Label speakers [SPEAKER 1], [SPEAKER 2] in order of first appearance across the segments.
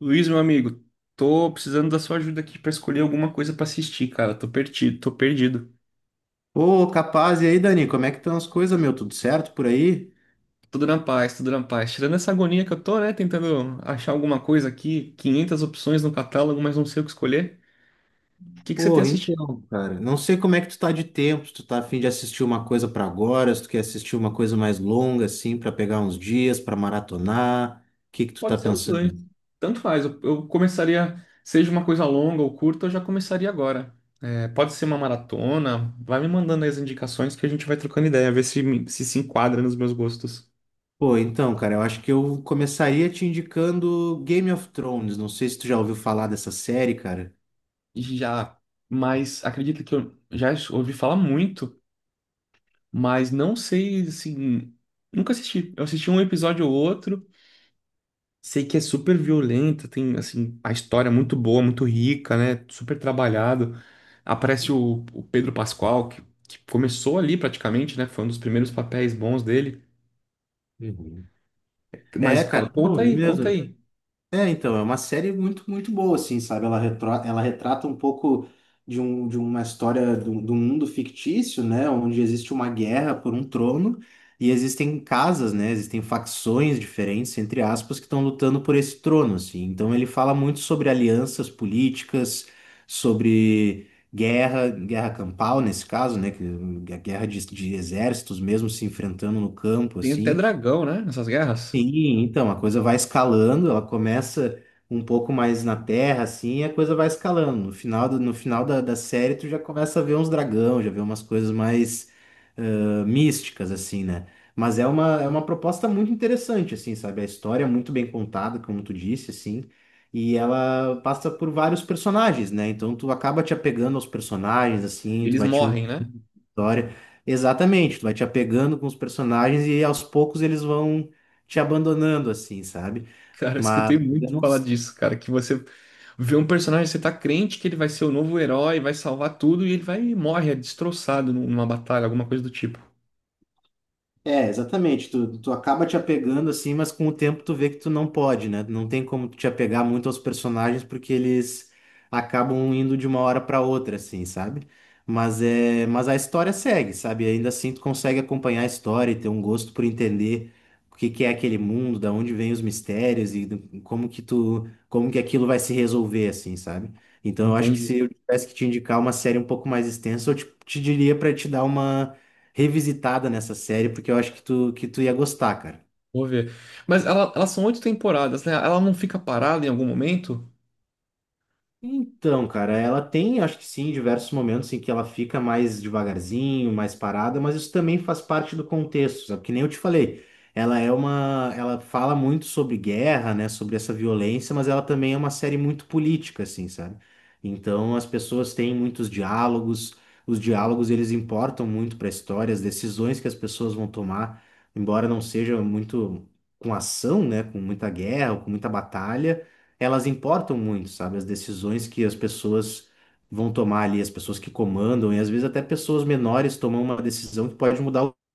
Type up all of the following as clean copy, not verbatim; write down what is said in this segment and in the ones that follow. [SPEAKER 1] Luiz, meu amigo, tô precisando da sua ajuda aqui pra escolher alguma coisa pra assistir, cara. Tô perdido, tô perdido.
[SPEAKER 2] Ô, capaz, e aí, Dani, como é que estão as coisas, meu? Tudo certo por aí?
[SPEAKER 1] Tudo na paz, tudo na paz. Tirando essa agonia que eu tô, né, tentando achar alguma coisa aqui, 500 opções no catálogo, mas não sei o que escolher. O que que você tem
[SPEAKER 2] Porra,
[SPEAKER 1] assistido?
[SPEAKER 2] então, cara, não sei como é que tu tá de tempo, se tu tá a fim de assistir uma coisa pra agora, se tu quer assistir uma coisa mais longa, assim, pra pegar uns dias, pra maratonar, o que que tu tá
[SPEAKER 1] Pode ser os dois.
[SPEAKER 2] pensando?
[SPEAKER 1] Tanto faz. Eu começaria, seja uma coisa longa ou curta, eu já começaria agora. É, pode ser uma maratona. Vai me mandando aí as indicações que a gente vai trocando ideia, ver se, se enquadra nos meus gostos.
[SPEAKER 2] Pô, então, cara, eu acho que eu começaria te indicando Game of Thrones, não sei se tu já ouviu falar dessa série, cara.
[SPEAKER 1] Já, mas acredito que eu já ouvi falar muito, mas não sei, assim, nunca assisti. Eu assisti um episódio ou outro, sei que é super violenta, tem, assim, a história é muito boa, muito rica, né? Super trabalhado. Aparece o Pedro Pascal, que começou ali praticamente, né? Foi um dos primeiros papéis bons dele.
[SPEAKER 2] Uhum. É,
[SPEAKER 1] Mas
[SPEAKER 2] cara, bom,
[SPEAKER 1] conta
[SPEAKER 2] é
[SPEAKER 1] aí, conta
[SPEAKER 2] mesmo.
[SPEAKER 1] aí.
[SPEAKER 2] É, então, é uma série muito, muito boa, assim, sabe? Ela, ela retrata um pouco de uma história do mundo fictício, né? Onde existe uma guerra por um trono e existem casas, né? Existem facções diferentes, entre aspas, que estão lutando por esse trono, assim. Então, ele fala muito sobre alianças políticas, sobre guerra, guerra campal, nesse caso, né? A guerra de exércitos mesmo se enfrentando no campo,
[SPEAKER 1] Tem até
[SPEAKER 2] assim.
[SPEAKER 1] dragão, né? Nessas guerras.
[SPEAKER 2] Sim, então a coisa vai escalando, ela começa um pouco mais na terra, assim, e a coisa vai escalando. No final, no final da série, tu já começa a ver uns dragão, já vê umas coisas mais místicas, assim, né? Mas é uma proposta muito interessante, assim, sabe? A história é muito bem contada, como tu disse, assim, e ela passa por vários personagens, né? Então tu acaba te apegando aos personagens,
[SPEAKER 1] E
[SPEAKER 2] assim, tu
[SPEAKER 1] eles
[SPEAKER 2] vai te
[SPEAKER 1] morrem, né?
[SPEAKER 2] história. Exatamente, tu vai te apegando com os personagens e aos poucos eles vão te abandonando, assim, sabe?
[SPEAKER 1] Cara, eu
[SPEAKER 2] Mas
[SPEAKER 1] escutei
[SPEAKER 2] eu
[SPEAKER 1] muito
[SPEAKER 2] não,
[SPEAKER 1] falar disso, cara, que você vê um personagem, você tá crente que ele vai ser o novo herói, vai salvar tudo, e ele vai e morre, é destroçado numa batalha, alguma coisa do tipo.
[SPEAKER 2] é, exatamente. Tu acaba te apegando assim, mas com o tempo tu vê que tu não pode, né? Não tem como tu te apegar muito aos personagens porque eles acabam indo de uma hora para outra, assim, sabe? Mas é, mas a história segue, sabe? Ainda assim tu consegue acompanhar a história e ter um gosto por entender o que que é aquele mundo, da onde vêm os mistérios e como que tu, como que aquilo vai se resolver, assim, sabe? Então eu acho que
[SPEAKER 1] Entende?
[SPEAKER 2] se eu tivesse que te indicar uma série um pouco mais extensa, eu te diria para te dar uma revisitada nessa série, porque eu acho que tu ia gostar, cara.
[SPEAKER 1] Vou ver. Mas elas são oito temporadas, né? Ela não fica parada em algum momento?
[SPEAKER 2] Então, cara, ela tem, acho que sim, diversos momentos em que ela fica mais devagarzinho, mais parada, mas isso também faz parte do contexto, sabe? Que nem eu te falei, ela é uma, ela fala muito sobre guerra, né, sobre essa violência, mas ela também é uma série muito política, assim, sabe? Então, as pessoas têm muitos diálogos, os diálogos eles importam muito para a história, as decisões que as pessoas vão tomar, embora não seja muito com ação, né, com muita guerra, ou com muita batalha elas importam muito, sabe? As decisões que as pessoas vão tomar ali, as pessoas que comandam, e às vezes até pessoas menores tomam uma decisão que pode mudar o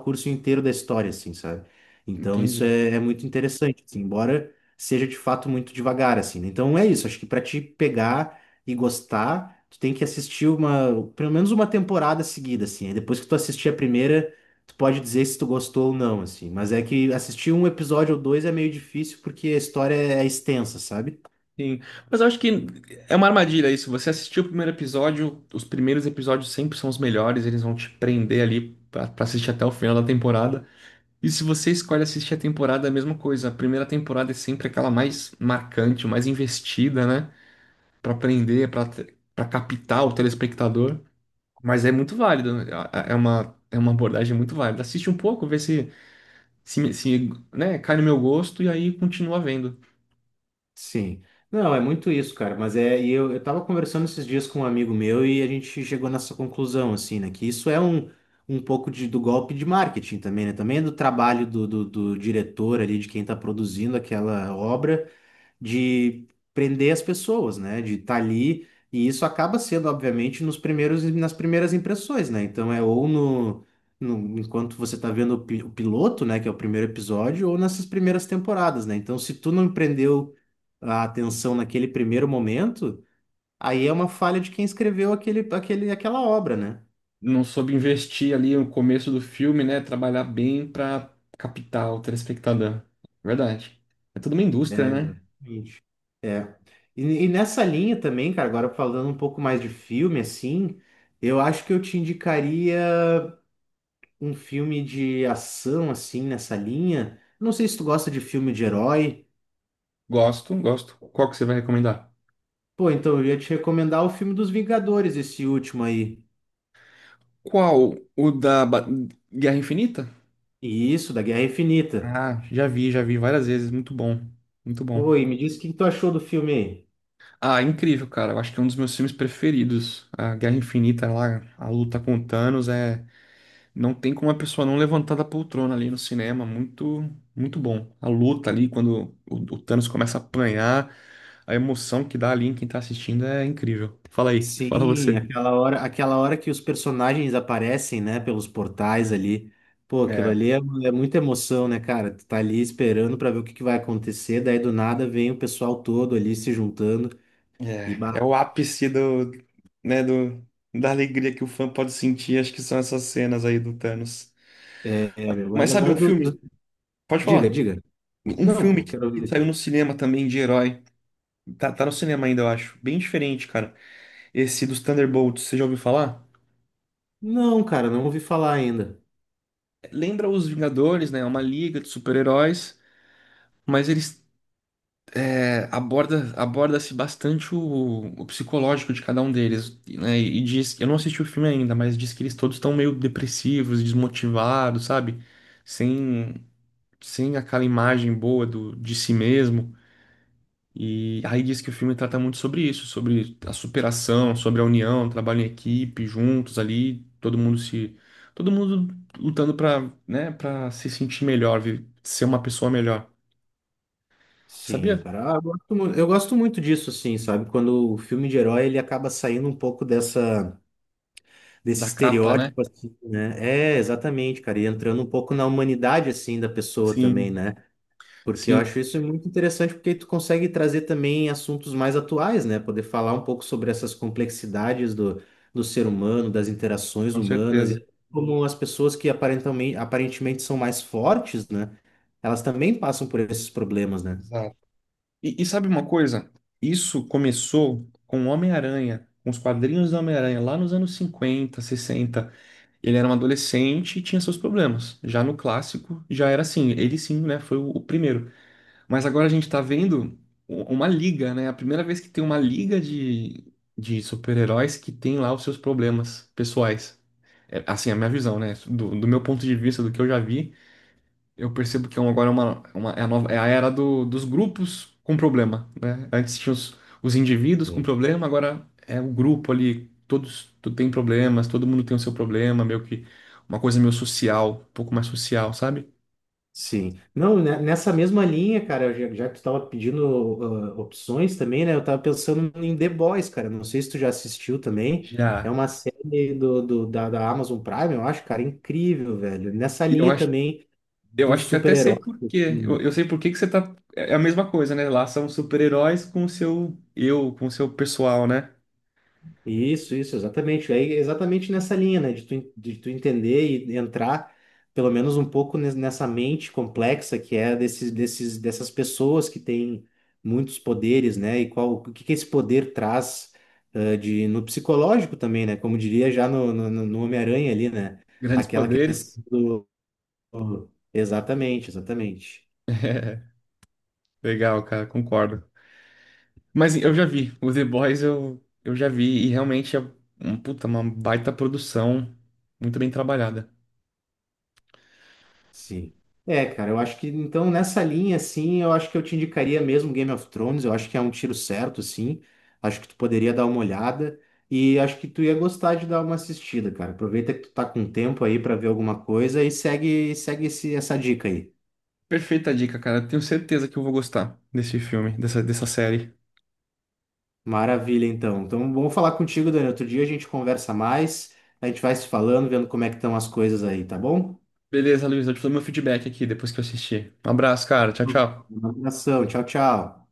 [SPEAKER 2] curso inteiro da história, assim, sabe? Então isso
[SPEAKER 1] Entendi.
[SPEAKER 2] é, é muito interessante, assim, embora seja de fato muito devagar, assim. Né? Então é isso, acho que para te pegar e gostar, tu tem que assistir uma, pelo menos uma temporada seguida, assim. Aí depois que tu assistir a primeira, tu pode dizer se tu gostou ou não, assim. Mas é que assistir um episódio ou dois é meio difícil porque a história é extensa, sabe?
[SPEAKER 1] Sim. Mas eu acho que é uma armadilha isso. Você assistiu o primeiro episódio, os primeiros episódios sempre são os melhores, eles vão te prender ali pra assistir até o final da temporada. E se você escolhe assistir a temporada, é a mesma coisa. A primeira temporada é sempre aquela mais marcante, mais investida, né? Pra prender, pra para captar o telespectador. Mas é muito válido, né? É uma abordagem muito válida. Assiste um pouco, vê se, né, cai no meu gosto e aí continua vendo.
[SPEAKER 2] Sim. Não, é muito isso, cara. Mas é, e eu, tava conversando esses dias com um amigo meu e a gente chegou nessa conclusão, assim, né? Que isso é um, um pouco de, do golpe de marketing também, né? Também é do trabalho do diretor ali, de quem tá produzindo aquela obra de prender as pessoas, né? De estar ali. E isso acaba sendo, obviamente, nos primeiros, nas primeiras impressões, né? Então é ou no, enquanto você tá vendo o, o piloto, né? Que é o primeiro episódio, ou nessas primeiras temporadas, né? Então, se tu não prendeu a atenção naquele primeiro momento, aí é uma falha de quem escreveu aquela obra, né?
[SPEAKER 1] Não soube investir ali no começo do filme, né? Trabalhar bem pra captar o telespectador. Verdade. É toda uma
[SPEAKER 2] É,
[SPEAKER 1] indústria, né?
[SPEAKER 2] exatamente. É. E, e nessa linha também, cara, agora falando um pouco mais de filme, assim, eu acho que eu te indicaria um filme de ação assim nessa linha. Não sei se tu gosta de filme de herói.
[SPEAKER 1] Gosto, gosto. Qual que você vai recomendar?
[SPEAKER 2] Pô, então eu ia te recomendar o filme dos Vingadores, esse último aí.
[SPEAKER 1] Qual? O da Guerra Infinita?
[SPEAKER 2] E isso, da Guerra Infinita.
[SPEAKER 1] Ah, já vi várias vezes. Muito bom. Muito
[SPEAKER 2] Pô,
[SPEAKER 1] bom.
[SPEAKER 2] e me diz o que que tu achou do filme aí.
[SPEAKER 1] Ah, incrível, cara. Eu acho que é um dos meus filmes preferidos. A Guerra Infinita lá, a luta com o Thanos é. Não tem como a pessoa não levantar da poltrona ali no cinema. Muito, muito bom. A luta ali, quando o Thanos começa a apanhar, a emoção que dá ali em quem tá assistindo é incrível. Fala aí, fala
[SPEAKER 2] Sim,
[SPEAKER 1] você.
[SPEAKER 2] aquela hora que os personagens aparecem, né, pelos portais ali. Pô, aquilo
[SPEAKER 1] É,
[SPEAKER 2] ali é, é muita emoção, né, cara? Tu tá ali esperando pra ver o que que vai acontecer, daí do nada vem o pessoal todo ali se juntando e
[SPEAKER 1] É,
[SPEAKER 2] bah,
[SPEAKER 1] é o ápice do, né, da alegria que o fã pode sentir, acho que são essas cenas aí do Thanos.
[SPEAKER 2] é, é, meu, mas
[SPEAKER 1] Mas sabe
[SPEAKER 2] agora
[SPEAKER 1] um filme? Pode
[SPEAKER 2] diga,
[SPEAKER 1] falar.
[SPEAKER 2] diga.
[SPEAKER 1] Um
[SPEAKER 2] Não,
[SPEAKER 1] filme
[SPEAKER 2] pô,
[SPEAKER 1] que,
[SPEAKER 2] quero
[SPEAKER 1] que
[SPEAKER 2] ouvir.
[SPEAKER 1] saiu no cinema também de herói. Tá no cinema ainda, eu acho. Bem diferente, cara. Esse dos Thunderbolts, você já ouviu falar?
[SPEAKER 2] Não, cara, não ouvi falar ainda.
[SPEAKER 1] Lembra os Vingadores, né? É uma liga de super-heróis, mas eles aborda-se bastante o psicológico de cada um deles, né? E diz, eu não assisti o filme ainda, mas diz que eles todos estão meio depressivos, desmotivados, sabe? Sem sem aquela imagem boa de si mesmo. E aí diz que o filme trata muito sobre isso, sobre a superação, sobre a união, trabalho em equipe, juntos ali, todo mundo se todo mundo lutando para, né, para se sentir melhor, ser uma pessoa melhor.
[SPEAKER 2] Sim,
[SPEAKER 1] Sabia?
[SPEAKER 2] cara, ah, eu gosto, eu gosto muito disso, assim, sabe? Quando o filme de herói ele acaba saindo um pouco dessa desse
[SPEAKER 1] Da capa, né?
[SPEAKER 2] estereótipo, assim, né? É, exatamente, cara, e entrando um pouco na humanidade, assim, da pessoa também,
[SPEAKER 1] Sim.
[SPEAKER 2] né? Porque eu
[SPEAKER 1] Sim,
[SPEAKER 2] acho isso muito interessante, porque tu consegue trazer também assuntos mais atuais, né? Poder falar um pouco sobre essas complexidades do ser humano, das interações
[SPEAKER 1] com
[SPEAKER 2] humanas,
[SPEAKER 1] certeza.
[SPEAKER 2] e como as pessoas que aparentemente, aparentemente são mais fortes, né? Elas também passam por esses problemas, né?
[SPEAKER 1] Exato. E sabe uma coisa? Isso começou com o Homem-Aranha, com os quadrinhos do Homem-Aranha, lá nos anos 50 60. Ele era um adolescente e tinha seus problemas. Já no clássico, já era assim. Ele sim, né? Foi o primeiro. Mas agora a gente tá vendo uma liga, né? A primeira vez que tem uma liga de super-heróis que tem lá os seus problemas pessoais. É, assim, a minha visão, né? Do meu ponto de vista, do que eu já vi, eu percebo que agora é a era dos grupos com problema, né? Antes tinha os indivíduos com problema, agora é o grupo ali, todos tem problemas, todo mundo tem o seu problema, meio que uma coisa meio social, um pouco mais social, sabe?
[SPEAKER 2] Sim. Não, né, nessa mesma linha, cara, já, já que tu tava pedindo ah, opções também, né? Eu tava pensando em The Boys, cara. Não sei se tu já assistiu também. É
[SPEAKER 1] Já.
[SPEAKER 2] uma série da Amazon Prime, eu acho, cara, incrível, velho. Nessa
[SPEAKER 1] E Eu
[SPEAKER 2] linha
[SPEAKER 1] acho,
[SPEAKER 2] também
[SPEAKER 1] eu
[SPEAKER 2] do
[SPEAKER 1] acho que até sei
[SPEAKER 2] super-herói,
[SPEAKER 1] por quê.
[SPEAKER 2] assim,
[SPEAKER 1] Eu,
[SPEAKER 2] né?
[SPEAKER 1] eu sei por que que você tá. É a mesma coisa, né? Lá são super-heróis com o seu eu, com o seu pessoal, né?
[SPEAKER 2] Isso, exatamente. Aí, exatamente nessa linha, né? De tu, de tu entender e entrar, pelo menos um pouco nessa mente complexa que é dessas pessoas que têm muitos poderes, né? E qual, o que que esse poder traz, no psicológico também, né? Como diria já no Homem-Aranha ali, né?
[SPEAKER 1] Grandes
[SPEAKER 2] Aquela
[SPEAKER 1] poderes.
[SPEAKER 2] questão do... Exatamente, exatamente.
[SPEAKER 1] É, legal, cara, concordo. Mas eu já vi, o The Boys eu já vi, e realmente é puta, uma baita produção, muito bem trabalhada.
[SPEAKER 2] Sim. É, cara, eu acho que então nessa linha, assim, eu acho que eu te indicaria mesmo Game of Thrones, eu acho que é um tiro certo, assim. Acho que tu poderia dar uma olhada e acho que tu ia gostar de dar uma assistida, cara. Aproveita que tu tá com tempo aí pra ver alguma coisa e segue, segue esse, essa dica aí.
[SPEAKER 1] Perfeita dica, cara. Tenho certeza que eu vou gostar desse filme, dessa série.
[SPEAKER 2] Maravilha, então. Então, vamos falar contigo, Dani. Outro dia a gente conversa mais, a gente vai se falando, vendo como é que estão as coisas aí, tá bom?
[SPEAKER 1] Beleza, Luiz, eu te dou meu feedback aqui depois que eu assistir. Um abraço, cara. Tchau, tchau.
[SPEAKER 2] Um abração, tchau, tchau.